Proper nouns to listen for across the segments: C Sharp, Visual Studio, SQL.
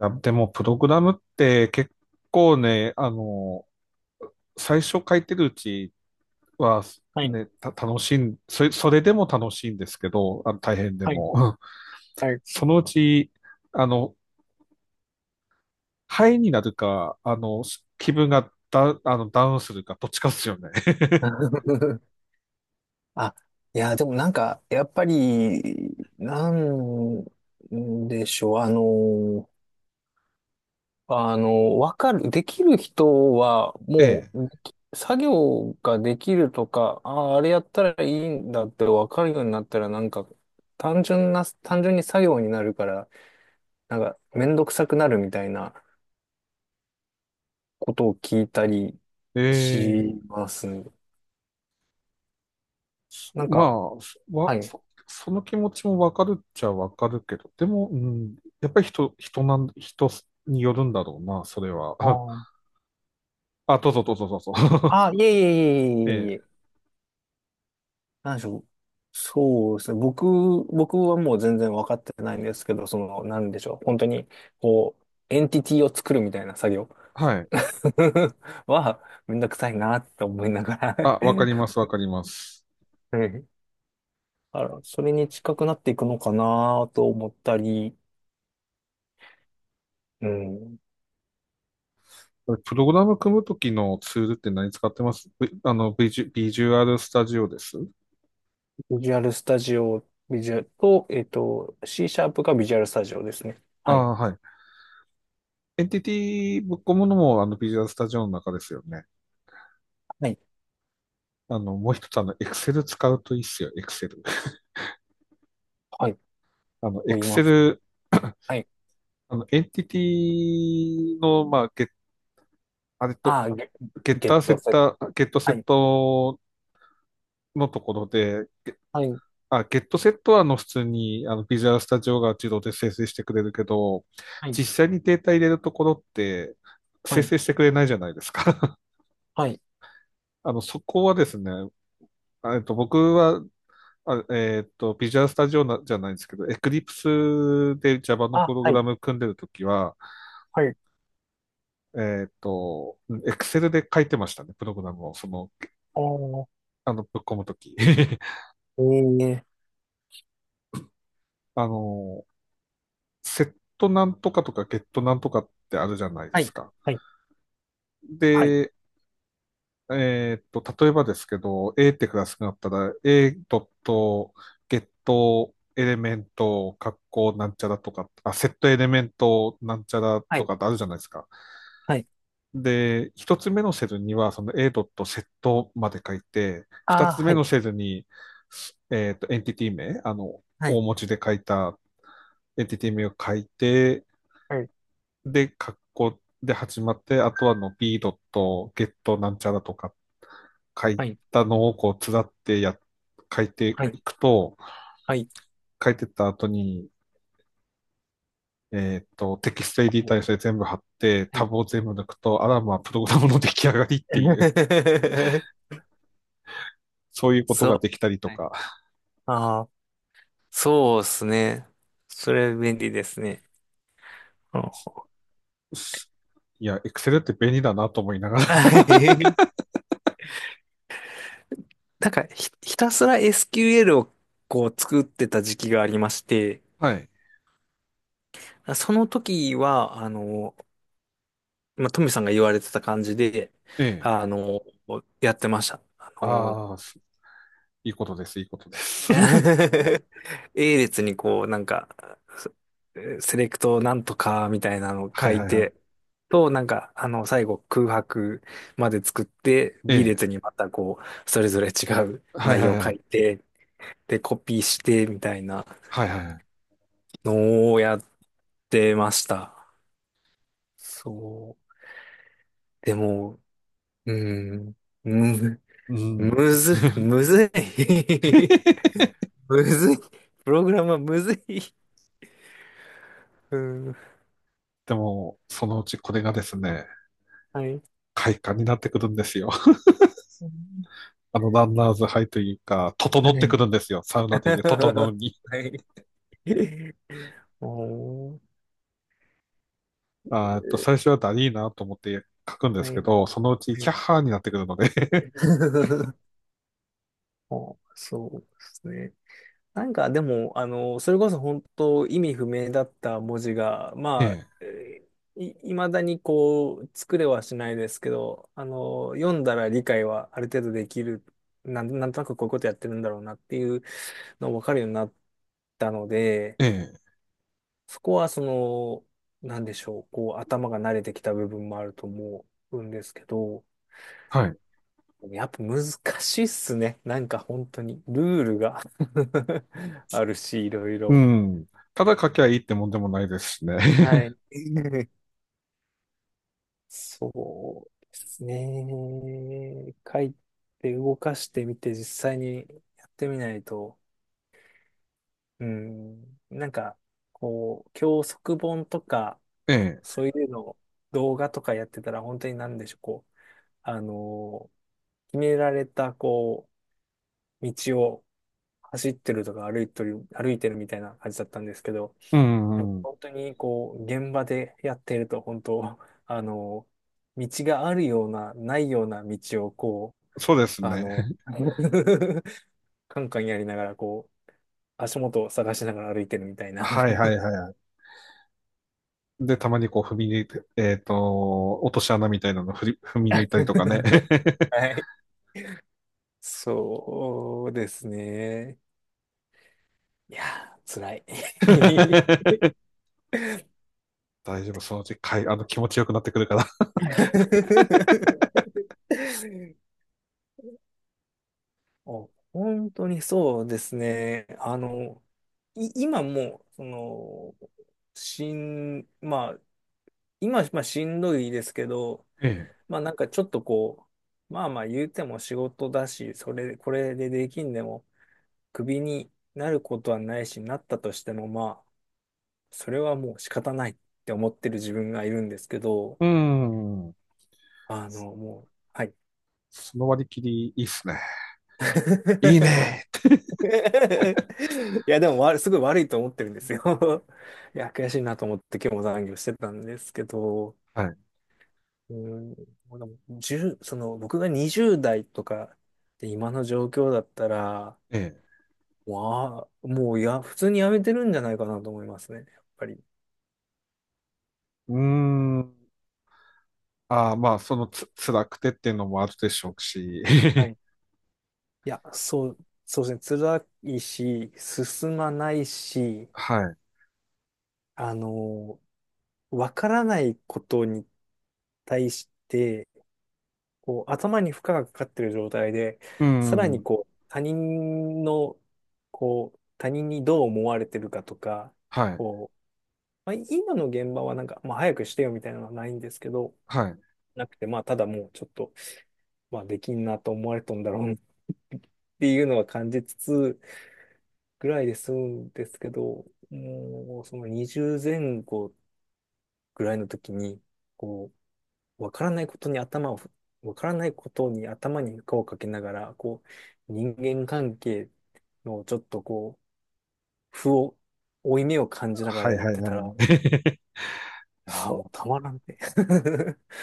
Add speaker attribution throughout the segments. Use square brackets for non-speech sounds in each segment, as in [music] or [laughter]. Speaker 1: あ、でも、プログラムって結構、最初書いてるうちは、
Speaker 2: はい、
Speaker 1: ね、た、楽しいん、それ、それでも楽しいんですけど、あの大変で
Speaker 2: はい、
Speaker 1: も。うん。
Speaker 2: はい。
Speaker 1: そのうち、あの、ハイになるか、気分がダ、あの、ダウンするか、どっちかですよね。[laughs]
Speaker 2: [laughs] あ、いや、でもなんか、やっぱり、なんでしょう、あの、わかる、できる人は、も
Speaker 1: え
Speaker 2: う、作業ができるとか、ああ、あれやったらいいんだってわかるようになったら、なんか、単純に作業になるから、なんか、めんどくさくなるみたいなことを聞いたり
Speaker 1: え。ええ。
Speaker 2: します。なん
Speaker 1: ま
Speaker 2: か、
Speaker 1: あ、そ
Speaker 2: は
Speaker 1: わ、
Speaker 2: い。
Speaker 1: そ、その気持ちもわかるっちゃわかるけど、でも、うん、やっぱり人によるんだろうな、それは。
Speaker 2: あー
Speaker 1: [laughs] あ、どうぞどうぞどうぞ。[laughs]
Speaker 2: いえい
Speaker 1: え
Speaker 2: えいえいえいえい
Speaker 1: え。
Speaker 2: え。なんでしょう。そうですね。僕はもう全然分かってないんですけど、その、なんでしょう。本当に、こう、エンティティを作るみたいな作業
Speaker 1: はい。
Speaker 2: [laughs] は、めんどくさいなって思いながら [laughs]
Speaker 1: あ、わか
Speaker 2: は
Speaker 1: ります、わかります。
Speaker 2: い。あら、それに近くなっていくのかなと思ったり、うん。
Speaker 1: プログラム組むときのツールって何使ってます v、あの、ビジュ、ビジュアルスタジオです。
Speaker 2: ビジュアルスタジオ、ビジュアルと、C シャープがビジュアルスタジオですね。
Speaker 1: あ
Speaker 2: はい。
Speaker 1: あ、はい。エンティティぶっ込むのも、あの、ビジュアルスタジオの中ですよね。
Speaker 2: はい。
Speaker 1: あの、もう一つ、あの、Excel 使うといいっすよ、Excel。
Speaker 2: はい。
Speaker 1: あの、
Speaker 2: と言います。
Speaker 1: Excel、
Speaker 2: はい。
Speaker 1: あの、エンティティの、まあ、ゲ、あれと、
Speaker 2: ああ、
Speaker 1: ゲッ
Speaker 2: ゲ
Speaker 1: タ
Speaker 2: ッ
Speaker 1: ーセ
Speaker 2: ト
Speaker 1: ッ
Speaker 2: セット。
Speaker 1: ター、ゲットセ
Speaker 2: は
Speaker 1: ッ
Speaker 2: い。
Speaker 1: トのところで、
Speaker 2: はい。
Speaker 1: あ、ゲットセットはあの普通にあのビジュアルスタジオが自動で生成してくれるけど、
Speaker 2: はい。
Speaker 1: 実際にデータ入れるところって
Speaker 2: は
Speaker 1: 生
Speaker 2: い。
Speaker 1: 成してくれないじゃないですか。
Speaker 2: はい。
Speaker 1: [laughs] あの、そこはですね、僕は、ビジュアルスタジオなじゃないんですけど、Eclipse で Java のプ
Speaker 2: あ、
Speaker 1: ログ
Speaker 2: はい、
Speaker 1: ラム組んでるときは、
Speaker 2: はい。
Speaker 1: えっと、Excel で書いてましたね、プログラムを、その、
Speaker 2: おー、
Speaker 1: あの、ぶっ込むとき。[laughs]
Speaker 2: ええ。
Speaker 1: あの、セットなんとかとかゲットなんとかってあるじゃないで
Speaker 2: は
Speaker 1: す
Speaker 2: い、
Speaker 1: か。
Speaker 2: はい、はい、
Speaker 1: で、えーっと、例えばですけど、A ってクラスがあったら、A.get エレメント、格好なんちゃらとか、あ、セットエレメントなんちゃら
Speaker 2: は
Speaker 1: と
Speaker 2: い、
Speaker 1: かってあるじゃないですか。
Speaker 2: はい。
Speaker 1: で、一つ目のセルには、その A s e t まで書いて、二
Speaker 2: あー、
Speaker 1: つ
Speaker 2: は
Speaker 1: 目
Speaker 2: い、
Speaker 1: のセルに、えーっと、エンティティ名、あの、
Speaker 2: は
Speaker 1: 大
Speaker 2: い、
Speaker 1: 文字で書いたエンティティ名を書いて、
Speaker 2: はい、
Speaker 1: で、カッコで始まって、あとはの B ドット、ゲットなんちゃらとか書い
Speaker 2: はい、
Speaker 1: たのをこう、つらってや、書いて
Speaker 2: はい、
Speaker 1: いくと、
Speaker 2: はい。
Speaker 1: 書いてった後に、えっと、テキストエディターにそれ全部貼って、
Speaker 2: は
Speaker 1: タ
Speaker 2: い。
Speaker 1: ブを全部抜くと、あらまあ、プログラムの出来上がりっていう、
Speaker 2: [laughs]
Speaker 1: [laughs] そういうこと
Speaker 2: そう。
Speaker 1: ができたりと
Speaker 2: はい。
Speaker 1: か、
Speaker 2: ああ、そうですね。それ便利ですね。うん。
Speaker 1: いや、Excel って便利だなと思いながら。[laughs]
Speaker 2: はい。 [laughs] なんかひたすら SQL をこう作ってた時期がありまして、
Speaker 1: はい。
Speaker 2: その時は、あの、まあ、トミさんが言われてた感じで、
Speaker 1: ええ。
Speaker 2: あの、やってました。あの、
Speaker 1: ああ、いいことです、いいことで
Speaker 2: [laughs]
Speaker 1: す。[laughs]
Speaker 2: A 列にこう、なんか、セセレクトなんとかみたいなのを
Speaker 1: は
Speaker 2: 書
Speaker 1: いは
Speaker 2: い
Speaker 1: いはい。
Speaker 2: て、と、なんか、あの、最後空白まで作って、
Speaker 1: え
Speaker 2: B
Speaker 1: え。
Speaker 2: 列にまたこう、それぞれ違う
Speaker 1: はい
Speaker 2: 内
Speaker 1: は
Speaker 2: 容
Speaker 1: い
Speaker 2: を
Speaker 1: は
Speaker 2: 書
Speaker 1: い。
Speaker 2: いて、で、コピーして、みたいな
Speaker 1: はいはいはい。
Speaker 2: のをやってました。そう。でも、うーん、む、
Speaker 1: うん。[laughs]
Speaker 2: むずい。
Speaker 1: [laughs]
Speaker 2: [laughs] むずい。プログラムはむずい。うん。
Speaker 1: でも、そのうちこれがですね、
Speaker 2: はい。
Speaker 1: 快感になってくるんですよ。[laughs] あの、ランナーズハイというか、整
Speaker 2: は
Speaker 1: ってくる
Speaker 2: い。
Speaker 1: んですよ。サウナでいう、整う
Speaker 2: [laughs]
Speaker 1: に。
Speaker 2: はい。[laughs] おー、
Speaker 1: [laughs] あっと、最初はダリーなと思って書くんで
Speaker 2: は
Speaker 1: す
Speaker 2: い。
Speaker 1: けど、そのうち
Speaker 2: は
Speaker 1: キャ
Speaker 2: い。
Speaker 1: ッハーになってくるので。[laughs]
Speaker 2: [laughs] お、そうですね。なんかでも、あの、それこそ本当意味不明だった文字が、まあ、
Speaker 1: え
Speaker 2: いまだにこう、作れはしないですけど、あの、読んだら理解はある程度できる、なんとなくこういうことやってるんだろうなっていうの分かるようになったので、
Speaker 1: え、ええ、
Speaker 2: そこはその、なんでしょう、こう頭が慣れてきた部分もあると思うんですけど、
Speaker 1: はい。
Speaker 2: やっぱ難しいっすね。なんか本当にルールが [laughs] あるし、いろい
Speaker 1: う
Speaker 2: ろ。
Speaker 1: ん。ただ書きゃいいってもんでもないですしね。
Speaker 2: は
Speaker 1: [laughs]
Speaker 2: い。[laughs] そうですね。書いて動かしてみて実際にやってみないと、うん、なんかこう、教則本とか、
Speaker 1: ええ、
Speaker 2: そういうのを動画とかやってたら本当になんでしょう、こう、あの、決められた、こう、道を走ってるとか歩いてるみたいな感じだったんですけど、
Speaker 1: う
Speaker 2: なんか
Speaker 1: ん、うん。
Speaker 2: 本当にこう、現場でやってると、本当、[laughs] あの、道があるような、ないような道をこ
Speaker 1: そうです
Speaker 2: う、あ
Speaker 1: ね。
Speaker 2: の、
Speaker 1: [laughs]
Speaker 2: [laughs] カンカンやりながら、こう、足元を探しながら歩いてるみたいな。
Speaker 1: はいはいはい。で、たまにこう踏み抜いて、えっと、落とし穴みたいなの振り踏み抜いたりとかね。
Speaker 2: [laughs] はい。そうですね。いやー、辛い。
Speaker 1: [laughs] 大丈夫、そのうちかい、あの、気持ちよくなってくるから。[laughs]
Speaker 2: [laughs] あ、本当にそうですね。あの、今もう、その、しん、まあ、今、まあ、しんどいですけど、
Speaker 1: ええ。
Speaker 2: まあ、なんかちょっとこう、まあまあ言うても仕事だし、これでできんでも、クビになることはないし、なったとしても、まあ、それはもう仕方ないって思ってる自分がいるんですけど、
Speaker 1: うん。
Speaker 2: あの、もう、はい。
Speaker 1: その割り切り、いいっすね。いい
Speaker 2: [laughs]
Speaker 1: ねーって。
Speaker 2: [laughs] いや、でもわ、すごい悪いと思ってるんですよ。[laughs] いや、悔しいなと思って今日も残業してたんですけど、
Speaker 1: はい。
Speaker 2: うん、でも10、その、僕が20代とかで今の状況だったら、
Speaker 1: ええ。
Speaker 2: わあ、もういや、普通に辞めてるんじゃないかなと思いますね、やっぱり。
Speaker 1: うーん。ああ、まあ、そのつ、辛くてっていうのもあるでしょうし。
Speaker 2: はい。
Speaker 1: [laughs]
Speaker 2: いや、そうですね、辛いし、進まないし、
Speaker 1: はい。
Speaker 2: あの、わからないことに対して、こう、頭に負荷がかかってる状態で、
Speaker 1: う
Speaker 2: さらに
Speaker 1: ん。
Speaker 2: こう、他人の、こう、他人にどう思われてるかとか、
Speaker 1: はい。
Speaker 2: こう、まあ、今の現場はなんか、まあ、早くしてよみたいなのはないんですけど、
Speaker 1: はい。
Speaker 2: なくて、まあ、ただもうちょっと、まあ、できんなと思われたんだろうなっていうのは感じつつぐらいで済むんですけど、もう、その20前後ぐらいの時に、こう、わからないことに頭を、わからないことに頭に負荷をかけながら、こう、人間関係のちょっとこう、負い目を感じなが
Speaker 1: は
Speaker 2: ら
Speaker 1: い、
Speaker 2: や
Speaker 1: は
Speaker 2: っ
Speaker 1: い、
Speaker 2: て
Speaker 1: はい
Speaker 2: た
Speaker 1: は
Speaker 2: ら、
Speaker 1: い。[laughs]
Speaker 2: ああ、も
Speaker 1: そ
Speaker 2: うたまらんね。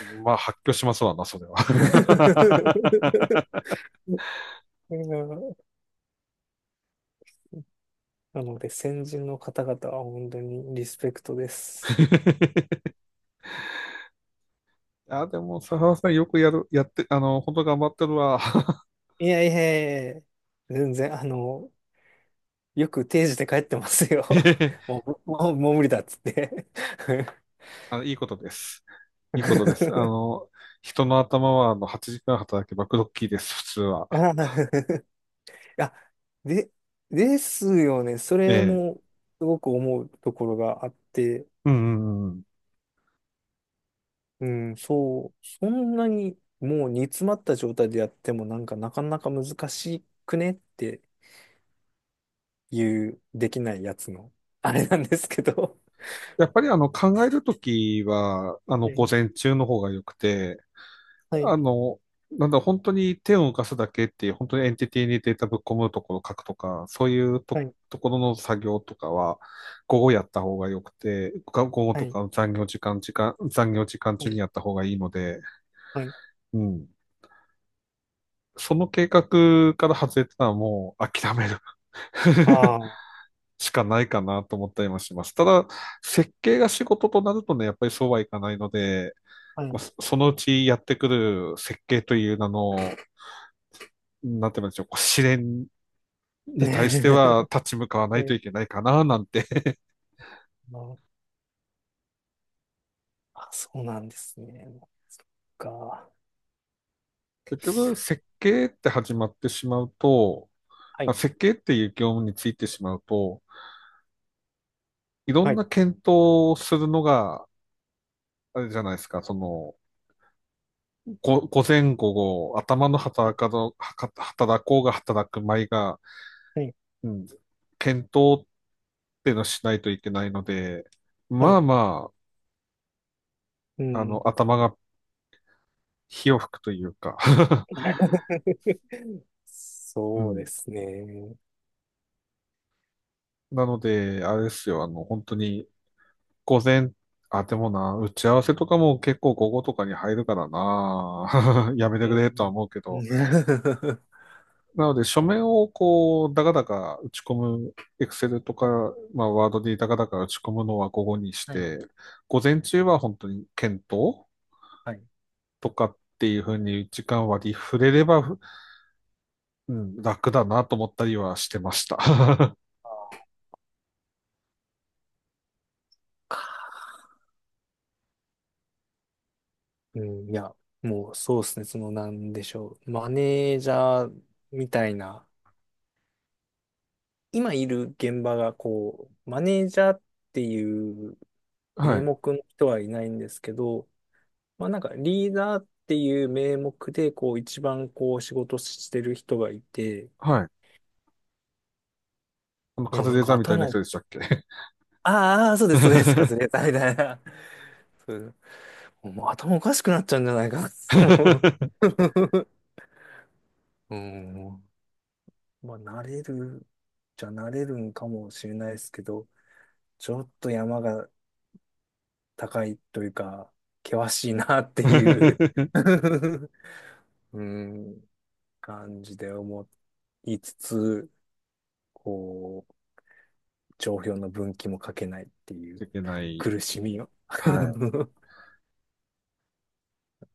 Speaker 1: う。まあ、発狂しますわな、それは。
Speaker 2: [laughs] うん。なので、先人の方々は本当にリスペクトです。
Speaker 1: [laughs] あ、でも、佐原さんよくやる、やって、あの、本当頑張ってるわ。
Speaker 2: いやいやいや、全然、あの、よく定時で帰ってますよ。[laughs]
Speaker 1: [laughs]
Speaker 2: もう、もう、もう無理だっつって。
Speaker 1: あの、いいことです。いいことです。あ
Speaker 2: [laughs]
Speaker 1: の、人の頭はあの8時間働けばクロッキーです、普通は。
Speaker 2: ああ、あ、で、ですよね。そ
Speaker 1: え
Speaker 2: れ
Speaker 1: え。
Speaker 2: もすごく思うところがあって、
Speaker 1: うんうんうんうん。
Speaker 2: うん、そう、そんなにもう煮詰まった状態でやってもなんかなかなか難しくねっていうできないやつの、あれなんですけど。
Speaker 1: やっぱりあの考えるときは、あの
Speaker 2: う
Speaker 1: 午
Speaker 2: ん。
Speaker 1: 前中の方が良くて、
Speaker 2: は
Speaker 1: あ
Speaker 2: い、
Speaker 1: の、なんだ、本当に手を動かすだけっていう、本当にエンティティにデータぶっ込むところを書くとか、そういうと、
Speaker 2: はい、
Speaker 1: ところの作業とかは、午後やった方が良くて、が午後
Speaker 2: は
Speaker 1: と
Speaker 2: い、
Speaker 1: か残業時間
Speaker 2: は
Speaker 1: 中に
Speaker 2: い、
Speaker 1: やった方がいいので、
Speaker 2: はい。
Speaker 1: うん。その計画から外れたらもう諦める。[laughs]
Speaker 2: あ
Speaker 1: しかないかなと思ったりもします。ただ、設計が仕事となるとね、やっぱりそうはいかないので、
Speaker 2: あ、は
Speaker 1: まあ、
Speaker 2: い。
Speaker 1: そのうちやってくる設計という名の、なんて言うんでしょう、こう試練に対して
Speaker 2: [laughs]
Speaker 1: は立ち向かわな
Speaker 2: は
Speaker 1: いと
Speaker 2: い。
Speaker 1: いけないかな、なんて。[laughs]
Speaker 2: ああ、そうなんですね。なんか。
Speaker 1: 結局、設計って始まってしまうと、
Speaker 2: は
Speaker 1: ま
Speaker 2: い、
Speaker 1: あ設計っていう業務についてしまうと、いろ
Speaker 2: は
Speaker 1: ん
Speaker 2: い、
Speaker 1: な検討をするのが、あれじゃないですか、その、ご午前午後、頭の
Speaker 2: は
Speaker 1: 働
Speaker 2: い、
Speaker 1: かど、はか働こうが働く前が、
Speaker 2: はい。
Speaker 1: うん、検討っていうのをしないといけないので、
Speaker 2: は
Speaker 1: ま
Speaker 2: い。
Speaker 1: あま
Speaker 2: う
Speaker 1: あ、あ
Speaker 2: ん。
Speaker 1: の、頭が火を吹くというか。
Speaker 2: [laughs]
Speaker 1: [laughs] う
Speaker 2: そうで
Speaker 1: ん。
Speaker 2: すね。
Speaker 1: なので、あれですよ、あの、本当に、午前、あ、でもな、打ち合わせとかも結構午後とかに入るからな、[laughs] やめ
Speaker 2: う
Speaker 1: てくれとは
Speaker 2: ん。
Speaker 1: 思うけ
Speaker 2: う
Speaker 1: ど、
Speaker 2: ん [laughs]
Speaker 1: なので、書面をこう、だかだか打ち込む、エクセルと
Speaker 2: はい、
Speaker 1: か、まあ、ワードでだかだか打ち込むのは午後にし
Speaker 2: はい、
Speaker 1: て、午前中は本当に検討
Speaker 2: はい。
Speaker 1: とかっていうふうに時間割り触れれば、うん、楽だなと思ったりはしてました。[laughs]
Speaker 2: うん、いや、もうそうですね。その、なんでしょう。マネージャーみたいな、今いる現場がこう、マネージャーっていう
Speaker 1: は
Speaker 2: 名
Speaker 1: い。
Speaker 2: 目の人はいないんですけど、まあなんかリーダーっていう名目で、こう、一番こう、仕事してる人がいて、
Speaker 1: はい。あの、カ
Speaker 2: もう
Speaker 1: ズ
Speaker 2: なん
Speaker 1: レー
Speaker 2: か
Speaker 1: ザーみたいな
Speaker 2: 頭、
Speaker 1: 人でしたっけ？
Speaker 2: あーあー、そうです、そうです、カズ
Speaker 1: [laughs]
Speaker 2: レーザーみたいな。そう、もう頭おかしくなっちゃうんじゃないか。もう [laughs] うん。まあ、慣れる、じゃ慣れるんかもしれないですけど、ちょっと山が高いというか、険しいなっていう
Speaker 1: [laughs]
Speaker 2: [laughs] うん、感じで思いつつ、こう、帳票の分岐も書けないっていう
Speaker 1: いけない。
Speaker 2: 苦しみを。
Speaker 1: はい。
Speaker 2: [laughs]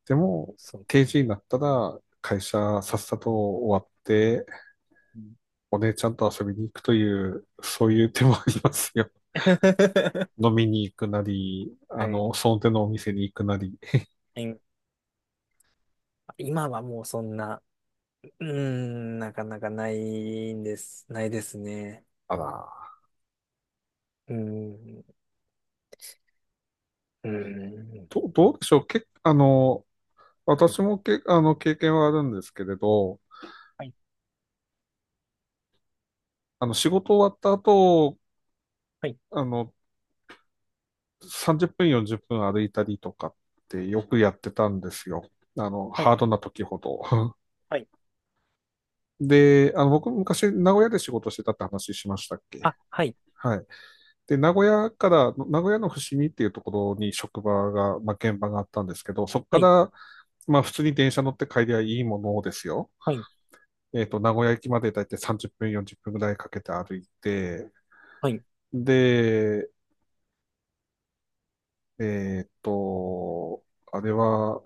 Speaker 1: でも、
Speaker 2: そう。
Speaker 1: 定時になったら、会社さっさと終わって、お姉ちゃんと遊びに行くという、そういう手もありますよ。[laughs]
Speaker 2: [laughs]
Speaker 1: 飲みに行くなり、
Speaker 2: は
Speaker 1: あ
Speaker 2: い。
Speaker 1: の、その手のお店に行くなり。
Speaker 2: え、今はもうそんな、うーん、なかなかないんです、ないですね。
Speaker 1: あら、
Speaker 2: うーん、うーん。
Speaker 1: どうでしょう。あの、私もけ、あの、経験はあるんですけれど、
Speaker 2: はい、
Speaker 1: あの、仕事終わった後、
Speaker 2: はい、
Speaker 1: あの、30分、40分歩いたりとかってよくやってたんですよ。あの、
Speaker 2: は
Speaker 1: ハ
Speaker 2: い、
Speaker 1: ードな時ほど。[laughs]
Speaker 2: はい。
Speaker 1: で、あの、僕昔名古屋で仕事してたって話しましたっけ？
Speaker 2: あ、はい、
Speaker 1: はい。で、名古屋から、名古屋の伏見っていうところに職場が、まあ、現場があったんですけど、そこ
Speaker 2: は
Speaker 1: か
Speaker 2: い、
Speaker 1: ら、まあ、普通に電車乗って帰りゃいいものですよ。
Speaker 2: はい、
Speaker 1: えっと、名古屋駅までだいたい30分、40分ぐらいかけて歩いて、
Speaker 2: はい。
Speaker 1: で、えっと、あれは、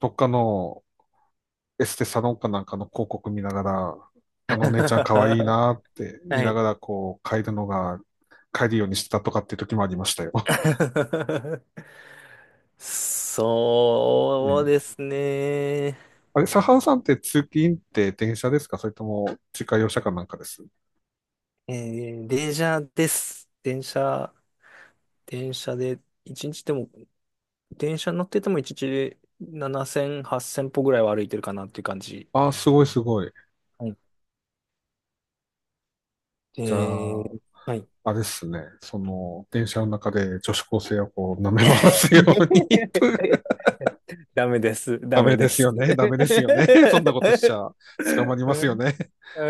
Speaker 1: どっかのエステサロンかなんかの広告見ながら、あのお姉ちゃん可愛い
Speaker 2: [laughs]
Speaker 1: なって見
Speaker 2: は
Speaker 1: な
Speaker 2: い。
Speaker 1: がらこう変えるのが、帰るようにしてたとかっていう時もありましたよ。
Speaker 2: [laughs] そう
Speaker 1: [laughs]
Speaker 2: で
Speaker 1: ええ。
Speaker 2: すね。
Speaker 1: あれ、サハンさんって通勤って電車ですか、それとも自家用車かなんかです
Speaker 2: えー、電車です。電車で、一日でも、電車乗ってても一日で7000、8000歩ぐらいは歩いてるかなっていう感じ。
Speaker 1: ああ、すごいすごい。じゃ
Speaker 2: え
Speaker 1: あ、
Speaker 2: ー、はい。
Speaker 1: あれですね。その、電車の中で女子高生をこう舐め回すように [laughs] と。
Speaker 2: [laughs] ダメです。ダ
Speaker 1: ダ
Speaker 2: メ
Speaker 1: メで
Speaker 2: で
Speaker 1: すよ
Speaker 2: す。
Speaker 1: ね。
Speaker 2: [laughs]
Speaker 1: ダメですよね。そんなことしちゃ捕まりま
Speaker 2: は
Speaker 1: すよ
Speaker 2: い、
Speaker 1: ね。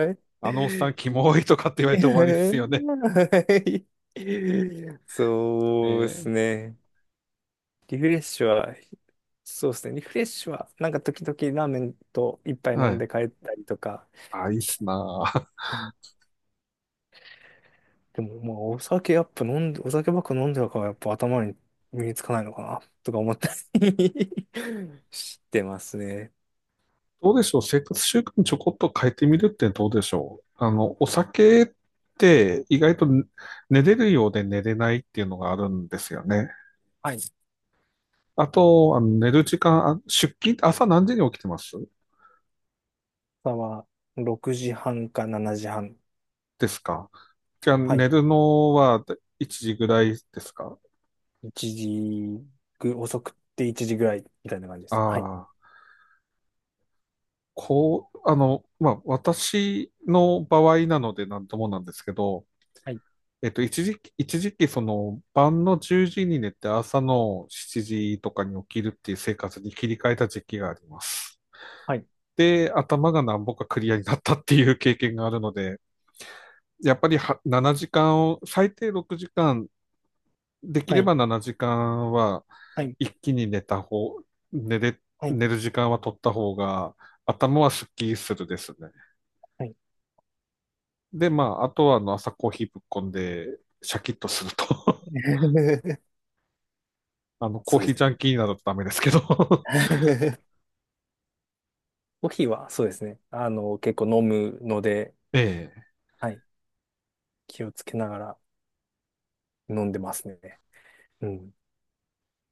Speaker 2: はい。
Speaker 1: あのおっさんキモいとかって言われて終わりですよね。え
Speaker 2: そうです
Speaker 1: ー、
Speaker 2: ね。リフレッシュは、そうですね。リフレッシュは、なんか時々ラーメンと一杯飲
Speaker 1: は
Speaker 2: ん
Speaker 1: い。
Speaker 2: で帰ったりとか、
Speaker 1: あ、いいっすなあ。
Speaker 2: でも、まあ、お酒やっぱ飲んで、お酒ばっか飲んじゃうから、やっぱ頭に身につかないのかな、とか思ったり [laughs] してますね。
Speaker 1: どうでしょう、生活習慣ちょこっと変えてみるって。どうでしょう、あの、お酒って意外とね、寝れるようで寝れないっていうのがあるんですよね。
Speaker 2: はい。朝
Speaker 1: あと、あの寝る時間、あ、出勤、朝何時に起きてます
Speaker 2: は6時半か7時半。
Speaker 1: ですか？じゃあ
Speaker 2: はい。
Speaker 1: 寝るのは1時ぐらいですか？
Speaker 2: 1時ぐ、遅くて1時ぐらい、みたいな感じです。はい。
Speaker 1: ああ、こう、あの、まあ、私の場合なのでなんともなんですけど、
Speaker 2: はい。
Speaker 1: えっと、一時期、その、晩の10時に寝て朝の7時とかに起きるっていう生活に切り替えた時期があります。
Speaker 2: はい。
Speaker 1: で、頭がなんぼかクリアになったっていう経験があるので、やっぱり7時間を、最低6時間、でき
Speaker 2: は
Speaker 1: れ
Speaker 2: い。
Speaker 1: ば7時間は
Speaker 2: はい。
Speaker 1: 一気に寝た方、寝れ、
Speaker 2: はい。
Speaker 1: 寝る時間は取った方が、頭はスッキリするですね。
Speaker 2: はい。
Speaker 1: で、まあ、あとはあの朝コーヒーぶっこんで、シャキッとすると。
Speaker 2: [laughs]
Speaker 1: あの、コ
Speaker 2: そ
Speaker 1: ー
Speaker 2: うで
Speaker 1: ヒー
Speaker 2: す
Speaker 1: ジャン
Speaker 2: ね。
Speaker 1: キーなどとダメですけど。[laughs]
Speaker 2: [laughs] コーヒーは、そうですね。あの、結構飲むので、
Speaker 1: ええ。
Speaker 2: はい。気をつけながら飲んでますね。うん。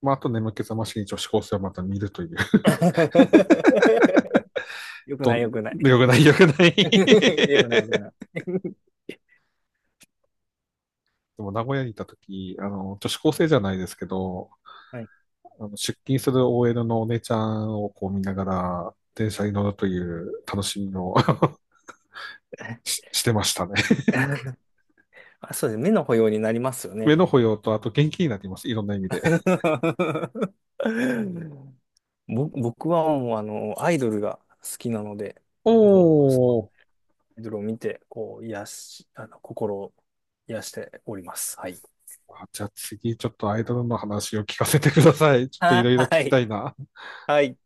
Speaker 1: まあ、あと眠気覚ましに女子高生をまた見るという。
Speaker 2: [laughs] よくな
Speaker 1: と、
Speaker 2: い、よくない。
Speaker 1: よくない、よくない。
Speaker 2: [laughs] よくない、よく
Speaker 1: [laughs]
Speaker 2: ない。[laughs]
Speaker 1: でも、名古屋にいたとき、あの、女子高生じゃないですけど、
Speaker 2: はい。
Speaker 1: あの出勤する OL のお姉ちゃんをこう見ながら、電車に乗るという楽しみを [laughs] してましたね。
Speaker 2: [laughs] あ、そうです。目の保養になりますよ
Speaker 1: 目
Speaker 2: ね。
Speaker 1: の保養と、あと元気になります。いろんな意味で。
Speaker 2: [laughs] 僕はもう、あの、アイドルが好きなので、もう、その
Speaker 1: おー。
Speaker 2: アイドルを見て、こう、あの、心を癒しております。はい。
Speaker 1: じゃあ次、ちょっとアイドルの話を聞かせてください。ちょっといろいろ聞
Speaker 2: は
Speaker 1: き
Speaker 2: い。
Speaker 1: たいな。
Speaker 2: はい。